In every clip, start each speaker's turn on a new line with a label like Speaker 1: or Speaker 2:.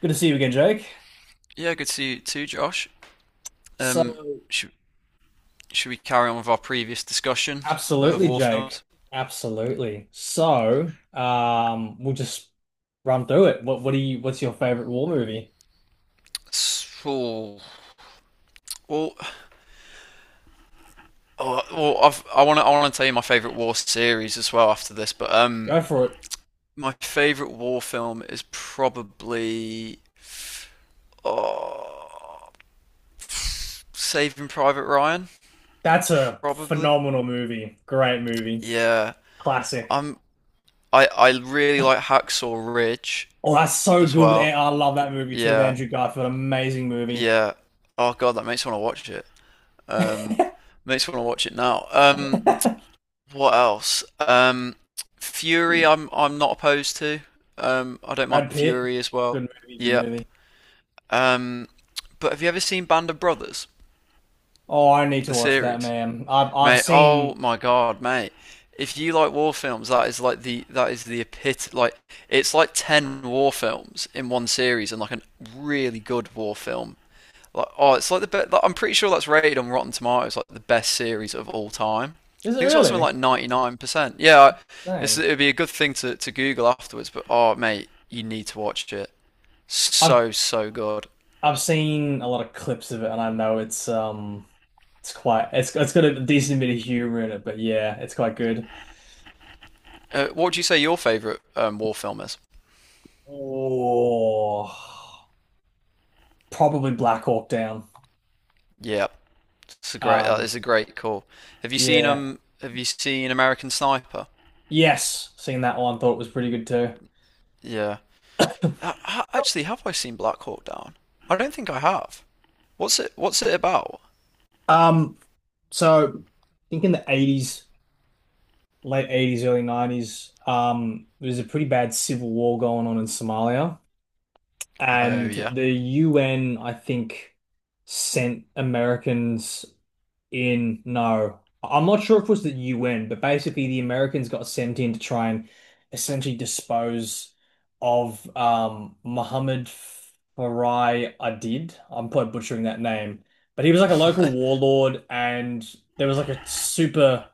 Speaker 1: Good to see you again, Jake.
Speaker 2: Yeah, good to see you too, Josh.
Speaker 1: So,
Speaker 2: Um, should should we carry on with our previous discussion of
Speaker 1: absolutely,
Speaker 2: war
Speaker 1: Jake.
Speaker 2: films?
Speaker 1: Absolutely. So, we'll just run through it. What's your favorite war movie?
Speaker 2: So, well, I want to tell you my favorite war series as well after this, but
Speaker 1: Go for it.
Speaker 2: my favorite war film is probably oh, Saving Private Ryan,
Speaker 1: That's a
Speaker 2: probably.
Speaker 1: phenomenal movie. Great movie.
Speaker 2: Yeah,
Speaker 1: Classic.
Speaker 2: I'm I really like Hacksaw Ridge
Speaker 1: Oh, that's so
Speaker 2: as
Speaker 1: good with,
Speaker 2: well.
Speaker 1: I love that movie too with
Speaker 2: Yeah,
Speaker 1: Andrew Garfield. Amazing movie.
Speaker 2: yeah. Oh God, that makes me want to watch it. Um, Makes me want to watch it now.
Speaker 1: Brad
Speaker 2: What else? Fury, I'm not opposed to. I don't mind
Speaker 1: Pitt.
Speaker 2: Fury as well.
Speaker 1: Good movie, good
Speaker 2: Yep.
Speaker 1: movie.
Speaker 2: Um, but have you ever seen Band of Brothers,
Speaker 1: Oh, I need to
Speaker 2: the
Speaker 1: watch that,
Speaker 2: series?
Speaker 1: man. I've
Speaker 2: Mate, oh
Speaker 1: seen.
Speaker 2: my God, mate. If you like war films, that is the epit like it's like 10 war films in one series and like a really good war film. It's like the best. Like, I'm pretty sure that's rated on Rotten Tomatoes like the best series of all time. I
Speaker 1: Is it
Speaker 2: think it's got something
Speaker 1: really?
Speaker 2: like 99%. Yeah,
Speaker 1: Dang.
Speaker 2: it'd be a good thing to Google afterwards. But oh, mate, you need to watch it.
Speaker 1: I've
Speaker 2: So so good.
Speaker 1: I've seen a lot of clips of it, and I know it's quite it's got a decent bit of humor in it, but yeah, it's quite good.
Speaker 2: What would you say your favorite war film is?
Speaker 1: Oh, probably Black Hawk Down.
Speaker 2: Yeah, it's a great. That
Speaker 1: Um,
Speaker 2: is a great call.
Speaker 1: yeah,
Speaker 2: Have you seen American Sniper?
Speaker 1: yes, seen that one. Thought it was pretty good too.
Speaker 2: Yeah. Actually, have I seen Black Hawk Down? I don't think I have. What's it about?
Speaker 1: Um, so I think in the 80s, late 80s, early 90s, there was a pretty bad civil war going on in Somalia,
Speaker 2: Oh
Speaker 1: and
Speaker 2: yeah.
Speaker 1: the UN, I think, sent Americans in no. I'm not sure if it was the UN, but basically the Americans got sent in to try and essentially dispose of Mohammed Farai Adid. I'm probably butchering that name. But he was like a local warlord, and there was like a super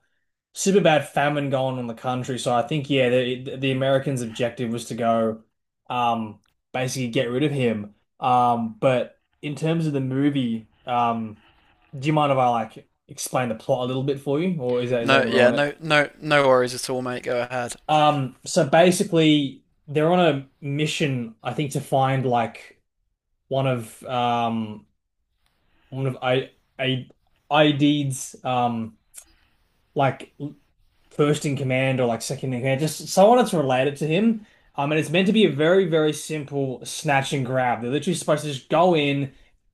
Speaker 1: super bad famine going on in the country. So I think yeah, the Americans' objective was to go um basically get rid of him. But in terms of the movie, do you mind if I like explain the plot a little bit for you, or is that
Speaker 2: No,
Speaker 1: gonna
Speaker 2: yeah,
Speaker 1: ruin it?
Speaker 2: no worries at all, mate. Go ahead.
Speaker 1: So basically, they're on a mission, I think, to find like one of um one of I ID's like first in command or like second in command, just someone that's related to him. And it's meant to be a very, very simple snatch and grab. They're literally supposed to just go in,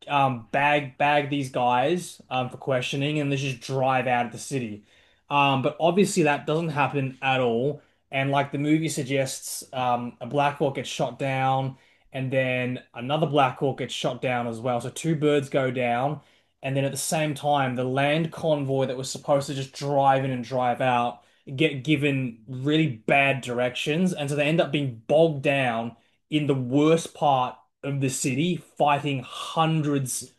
Speaker 1: bag these guys for questioning, and they just drive out of the city. But obviously that doesn't happen at all. And like the movie suggests, a Black Hawk gets shot down, and then another Black Hawk gets shot down as well. So two birds go down. And then at the same time, the land convoy that was supposed to just drive in and drive out get given really bad directions, and so they end up being bogged down in the worst part of the city, fighting hundreds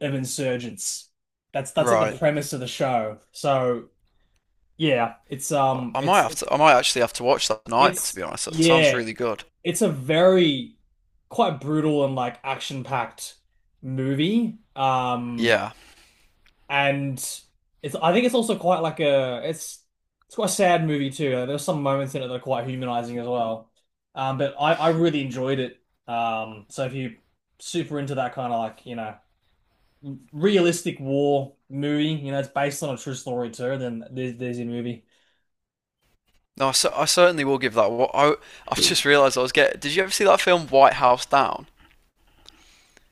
Speaker 1: of insurgents. That's like
Speaker 2: Right.
Speaker 1: the premise of the show. So yeah,
Speaker 2: I might have to. I might actually have to watch that tonight. To
Speaker 1: it's
Speaker 2: be honest, that sounds
Speaker 1: yeah,
Speaker 2: really good.
Speaker 1: it's a very quite brutal and like action-packed movie.
Speaker 2: Yeah.
Speaker 1: And it's I think it's also quite like a it's quite a sad movie too. There's some moments in it that are quite humanizing as well. But I really enjoyed it. So if you super into that kind of like you know realistic war movie, you know it's based on a true story too. Then there's your movie.
Speaker 2: No, I certainly will give that. What I I've just realised I was getting. Did you ever see that film White House Down?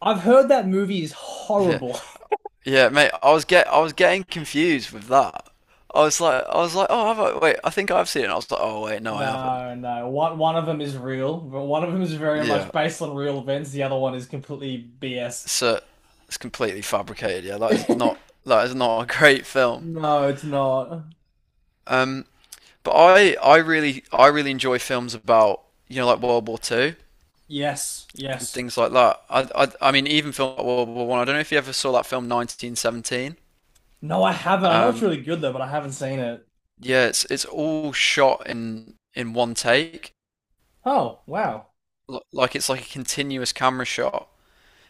Speaker 1: I've heard that movie is
Speaker 2: Yeah.
Speaker 1: horrible.
Speaker 2: Yeah, mate. I was getting confused with that. I was like. I was like. Oh, have I? Wait. I think I've seen it. And I was like. Oh, wait. No, I haven't.
Speaker 1: No, no. One of them is real, but one of them is very much
Speaker 2: Yeah.
Speaker 1: based on real events. The other one is completely BS.
Speaker 2: So it's completely fabricated. Yeah. That is not. That is not a great film.
Speaker 1: No, it's not.
Speaker 2: Um. But I really, I really enjoy films about you know like World War Two
Speaker 1: Yes,
Speaker 2: and
Speaker 1: yes.
Speaker 2: things like that. I mean, even film like World War One. I don't know if you ever saw that film 1917.
Speaker 1: No, I haven't. I know it's
Speaker 2: Um,
Speaker 1: really good though, but I haven't seen it.
Speaker 2: yeah, it's all shot in one take,
Speaker 1: Oh, wow.
Speaker 2: like it's like a continuous camera shot,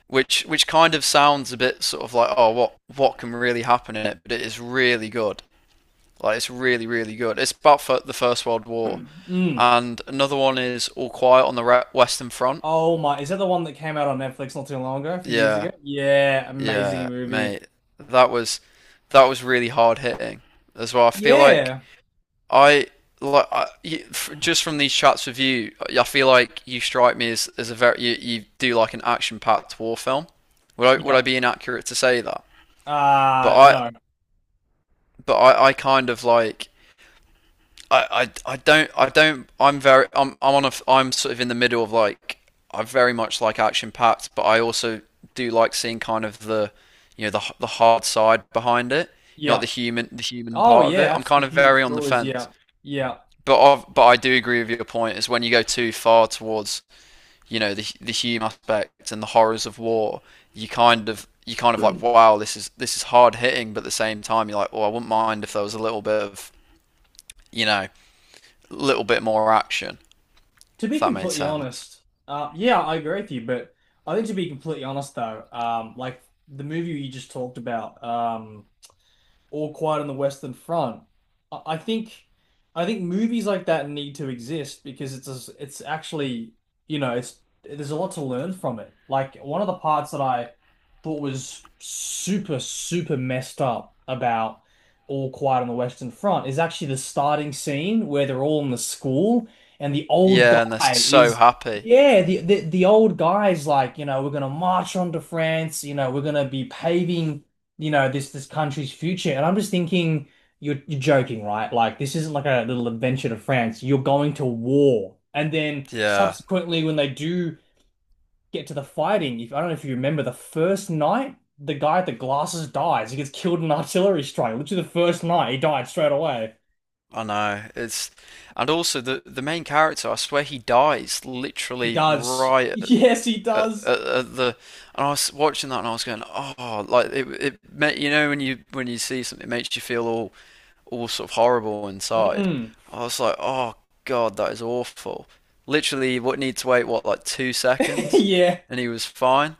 Speaker 2: which kind of sounds a bit sort of like oh what can really happen in it, but it is really good. Like it's really really good. It's about the First World War,
Speaker 1: Mm.
Speaker 2: and another one is All Quiet on the Western Front.
Speaker 1: Oh my, is that the one that came out on Netflix not too long ago, a few years
Speaker 2: Yeah,
Speaker 1: ago? Yeah, amazing
Speaker 2: Yeah,
Speaker 1: movie.
Speaker 2: mate. That was that was really hard hitting as well. I feel like
Speaker 1: Yeah.
Speaker 2: I just from these chats with you, I feel like you strike me as a very you do like an action-packed war film. Would I
Speaker 1: Yep.
Speaker 2: be inaccurate to say that? But I
Speaker 1: No.
Speaker 2: I kind of like I don't I'm on a I'm sort of in the middle of like I very much like action packed, but I also do like seeing kind of the you know the hard side behind it, you know, like
Speaker 1: Yep.
Speaker 2: the human
Speaker 1: Oh
Speaker 2: part of it.
Speaker 1: yeah,
Speaker 2: I'm
Speaker 1: abs the
Speaker 2: kind of
Speaker 1: human
Speaker 2: very on the
Speaker 1: stories,
Speaker 2: fence,
Speaker 1: yeah. Yeah.
Speaker 2: but I do agree with your point. Is when you go too far towards you know the human aspect and the horrors of war, you kind of like wow this is hard hitting, but at the same time you're like well I wouldn't mind if there was a little bit of you know, a little bit more action.
Speaker 1: To
Speaker 2: If
Speaker 1: be
Speaker 2: that makes
Speaker 1: completely
Speaker 2: sense.
Speaker 1: honest, yeah, I agree with you, but I think to be completely honest though, like the movie you just talked about, All Quiet on the Western Front. I I think I think movies like that need to exist because it's actually, you know, it's there's a lot to learn from it. Like one of the parts that I thought was super, super messed up about All Quiet on the Western Front is actually the starting scene where they're all in the school and the old
Speaker 2: Yeah, and they're
Speaker 1: guy
Speaker 2: so
Speaker 1: is
Speaker 2: happy.
Speaker 1: Yeah, the old guy's like, you know, we're gonna march on to France, you know, we're gonna be paving you know, this country's future. And I'm just thinking, you're joking, right? Like this isn't like a little adventure to France. You're going to war. And then
Speaker 2: Yeah,
Speaker 1: subsequently, when they do get to the fighting, if I don't know if you remember the first night, the guy with the glasses dies. He gets killed in an artillery strike. Literally the first night, he died straight away.
Speaker 2: I know. It's And also the main character. I swear he dies
Speaker 1: He
Speaker 2: literally
Speaker 1: does.
Speaker 2: right
Speaker 1: Yes, he does.
Speaker 2: at the. And I was watching that and I was going, oh, like it made you know when you see something it makes you feel all sort of horrible inside.
Speaker 1: Mm.
Speaker 2: I was like, oh god, that is awful. Literally, what need to wait what like two seconds,
Speaker 1: Yeah.
Speaker 2: and he was fine.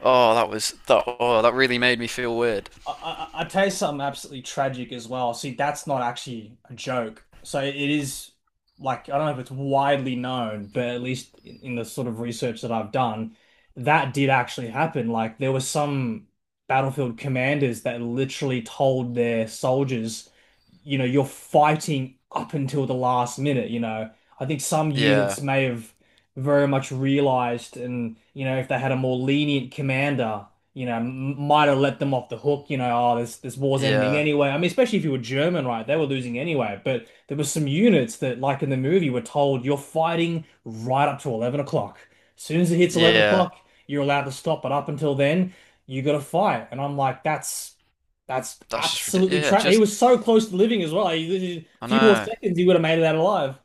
Speaker 2: Oh, that was that. Oh, that really made me feel weird.
Speaker 1: I tell you something absolutely tragic as well. See, that's not actually a joke. So it is like, I don't know if it's widely known, but at least in the sort of research that I've done, that did actually happen. Like there was some battlefield commanders that literally told their soldiers, you know, you're fighting up until the last minute, you know. I think some
Speaker 2: Yeah.
Speaker 1: units may have very much realized and, you know, if they had a more lenient commander you know, might have let them off the hook, you know, oh, this war's ending
Speaker 2: Yeah,
Speaker 1: anyway. I mean, especially if you were German, right? They were losing anyway. But there were some units that, like in the movie, were told you're fighting right up to 11 o'clock. As soon as it hits 11
Speaker 2: yeah,
Speaker 1: o'clock, you're allowed to stop, but up until then, you got to fight. And I'm like, that's
Speaker 2: that's just
Speaker 1: absolutely
Speaker 2: ridiculous. Yeah,
Speaker 1: tra He
Speaker 2: just
Speaker 1: was so close to living as well. A
Speaker 2: I
Speaker 1: few more
Speaker 2: know.
Speaker 1: seconds, he would have made it out alive.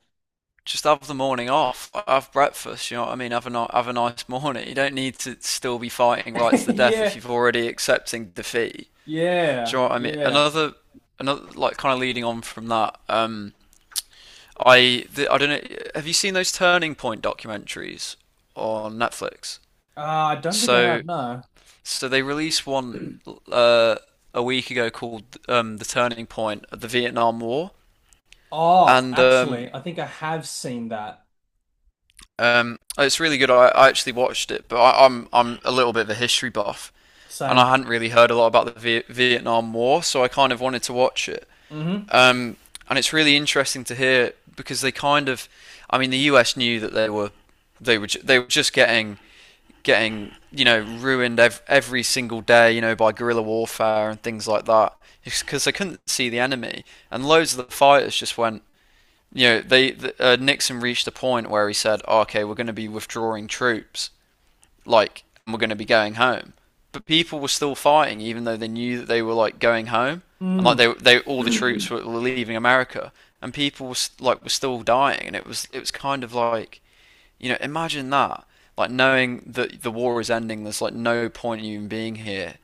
Speaker 2: Just have the morning off. Have breakfast. You know what I mean. Have a nice morning. You don't need to still be fighting rights to death if
Speaker 1: Yeah,
Speaker 2: you've already accepting defeat. Do you
Speaker 1: yeah,
Speaker 2: know what I mean?
Speaker 1: yeah.
Speaker 2: Another like kind of leading on from that. I don't know. Have you seen those Turning Point documentaries on Netflix?
Speaker 1: I don't think I have,
Speaker 2: So
Speaker 1: no.
Speaker 2: so they released one uh, a week ago called The Turning Point of the Vietnam War,
Speaker 1: Oh,
Speaker 2: and
Speaker 1: actually, I think I have seen that.
Speaker 2: It's really good. I actually watched it, but I'm a little bit of a history buff, and
Speaker 1: Same.
Speaker 2: I hadn't really heard a lot about the Vietnam War, so I kind of wanted to watch it.
Speaker 1: Hmm.
Speaker 2: Um, and it's really interesting to hear because they kind of, I mean, the U.S. knew that they were just getting getting you know ruined every single day you know by guerrilla warfare and things like that because they couldn't see the enemy and loads of the fighters just went you know, they Nixon reached a point where he said, oh, "Okay, we're going to be withdrawing troops, like, and we're going to be going home." But people were still fighting, even though they knew that they were like going home, and like
Speaker 1: Mm.
Speaker 2: they all the troops were leaving America, and people was, like were still dying, and it was kind of like you know, imagine that, like knowing that the war is ending, there's like no point in you even being here,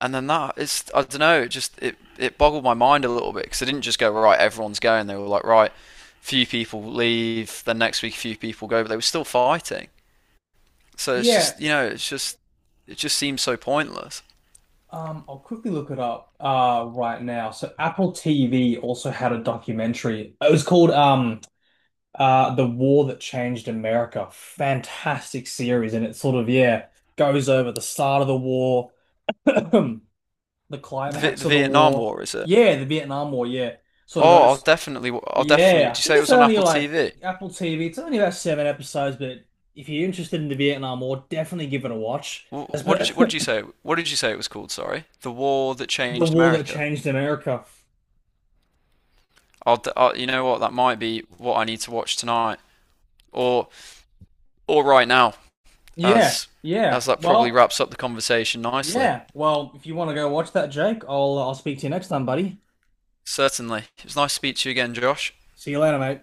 Speaker 2: and then that is I don't know it just it boggled my mind a little bit because they didn't just go right everyone's going they were like right few people leave then next week a few people go but they were still fighting so it's
Speaker 1: Yeah.
Speaker 2: just you know it's just it just seems so pointless.
Speaker 1: I'll quickly look it up right now. So Apple TV also had a documentary. It was called The War That Changed America. Fantastic series, and it sort of yeah goes over the start of the war, the climax
Speaker 2: The
Speaker 1: of the
Speaker 2: Vietnam
Speaker 1: war.
Speaker 2: War, is it?
Speaker 1: Yeah, the Vietnam War, yeah. Sort of
Speaker 2: Oh,
Speaker 1: goes
Speaker 2: I'll definitely
Speaker 1: Yeah,
Speaker 2: did
Speaker 1: I
Speaker 2: you
Speaker 1: think
Speaker 2: say it
Speaker 1: it's
Speaker 2: was on
Speaker 1: only
Speaker 2: Apple
Speaker 1: like
Speaker 2: TV?
Speaker 1: Apple TV. It's only about 7 episodes, but if you're interested in the Vietnam War, definitely give it a watch. That's
Speaker 2: What
Speaker 1: about
Speaker 2: did you say what did you say it was called, sorry? The War That
Speaker 1: the
Speaker 2: Changed
Speaker 1: war that
Speaker 2: America.
Speaker 1: changed America.
Speaker 2: I'll you know what that might be what I need to watch tonight or or right now
Speaker 1: Yeah,
Speaker 2: as as
Speaker 1: yeah.
Speaker 2: that probably
Speaker 1: Well,
Speaker 2: wraps up the conversation nicely.
Speaker 1: yeah. Well, if you want to go watch that, Jake, I'll speak to you next time, buddy.
Speaker 2: Certainly, it was nice to speak to you again, Josh.
Speaker 1: See you later, mate.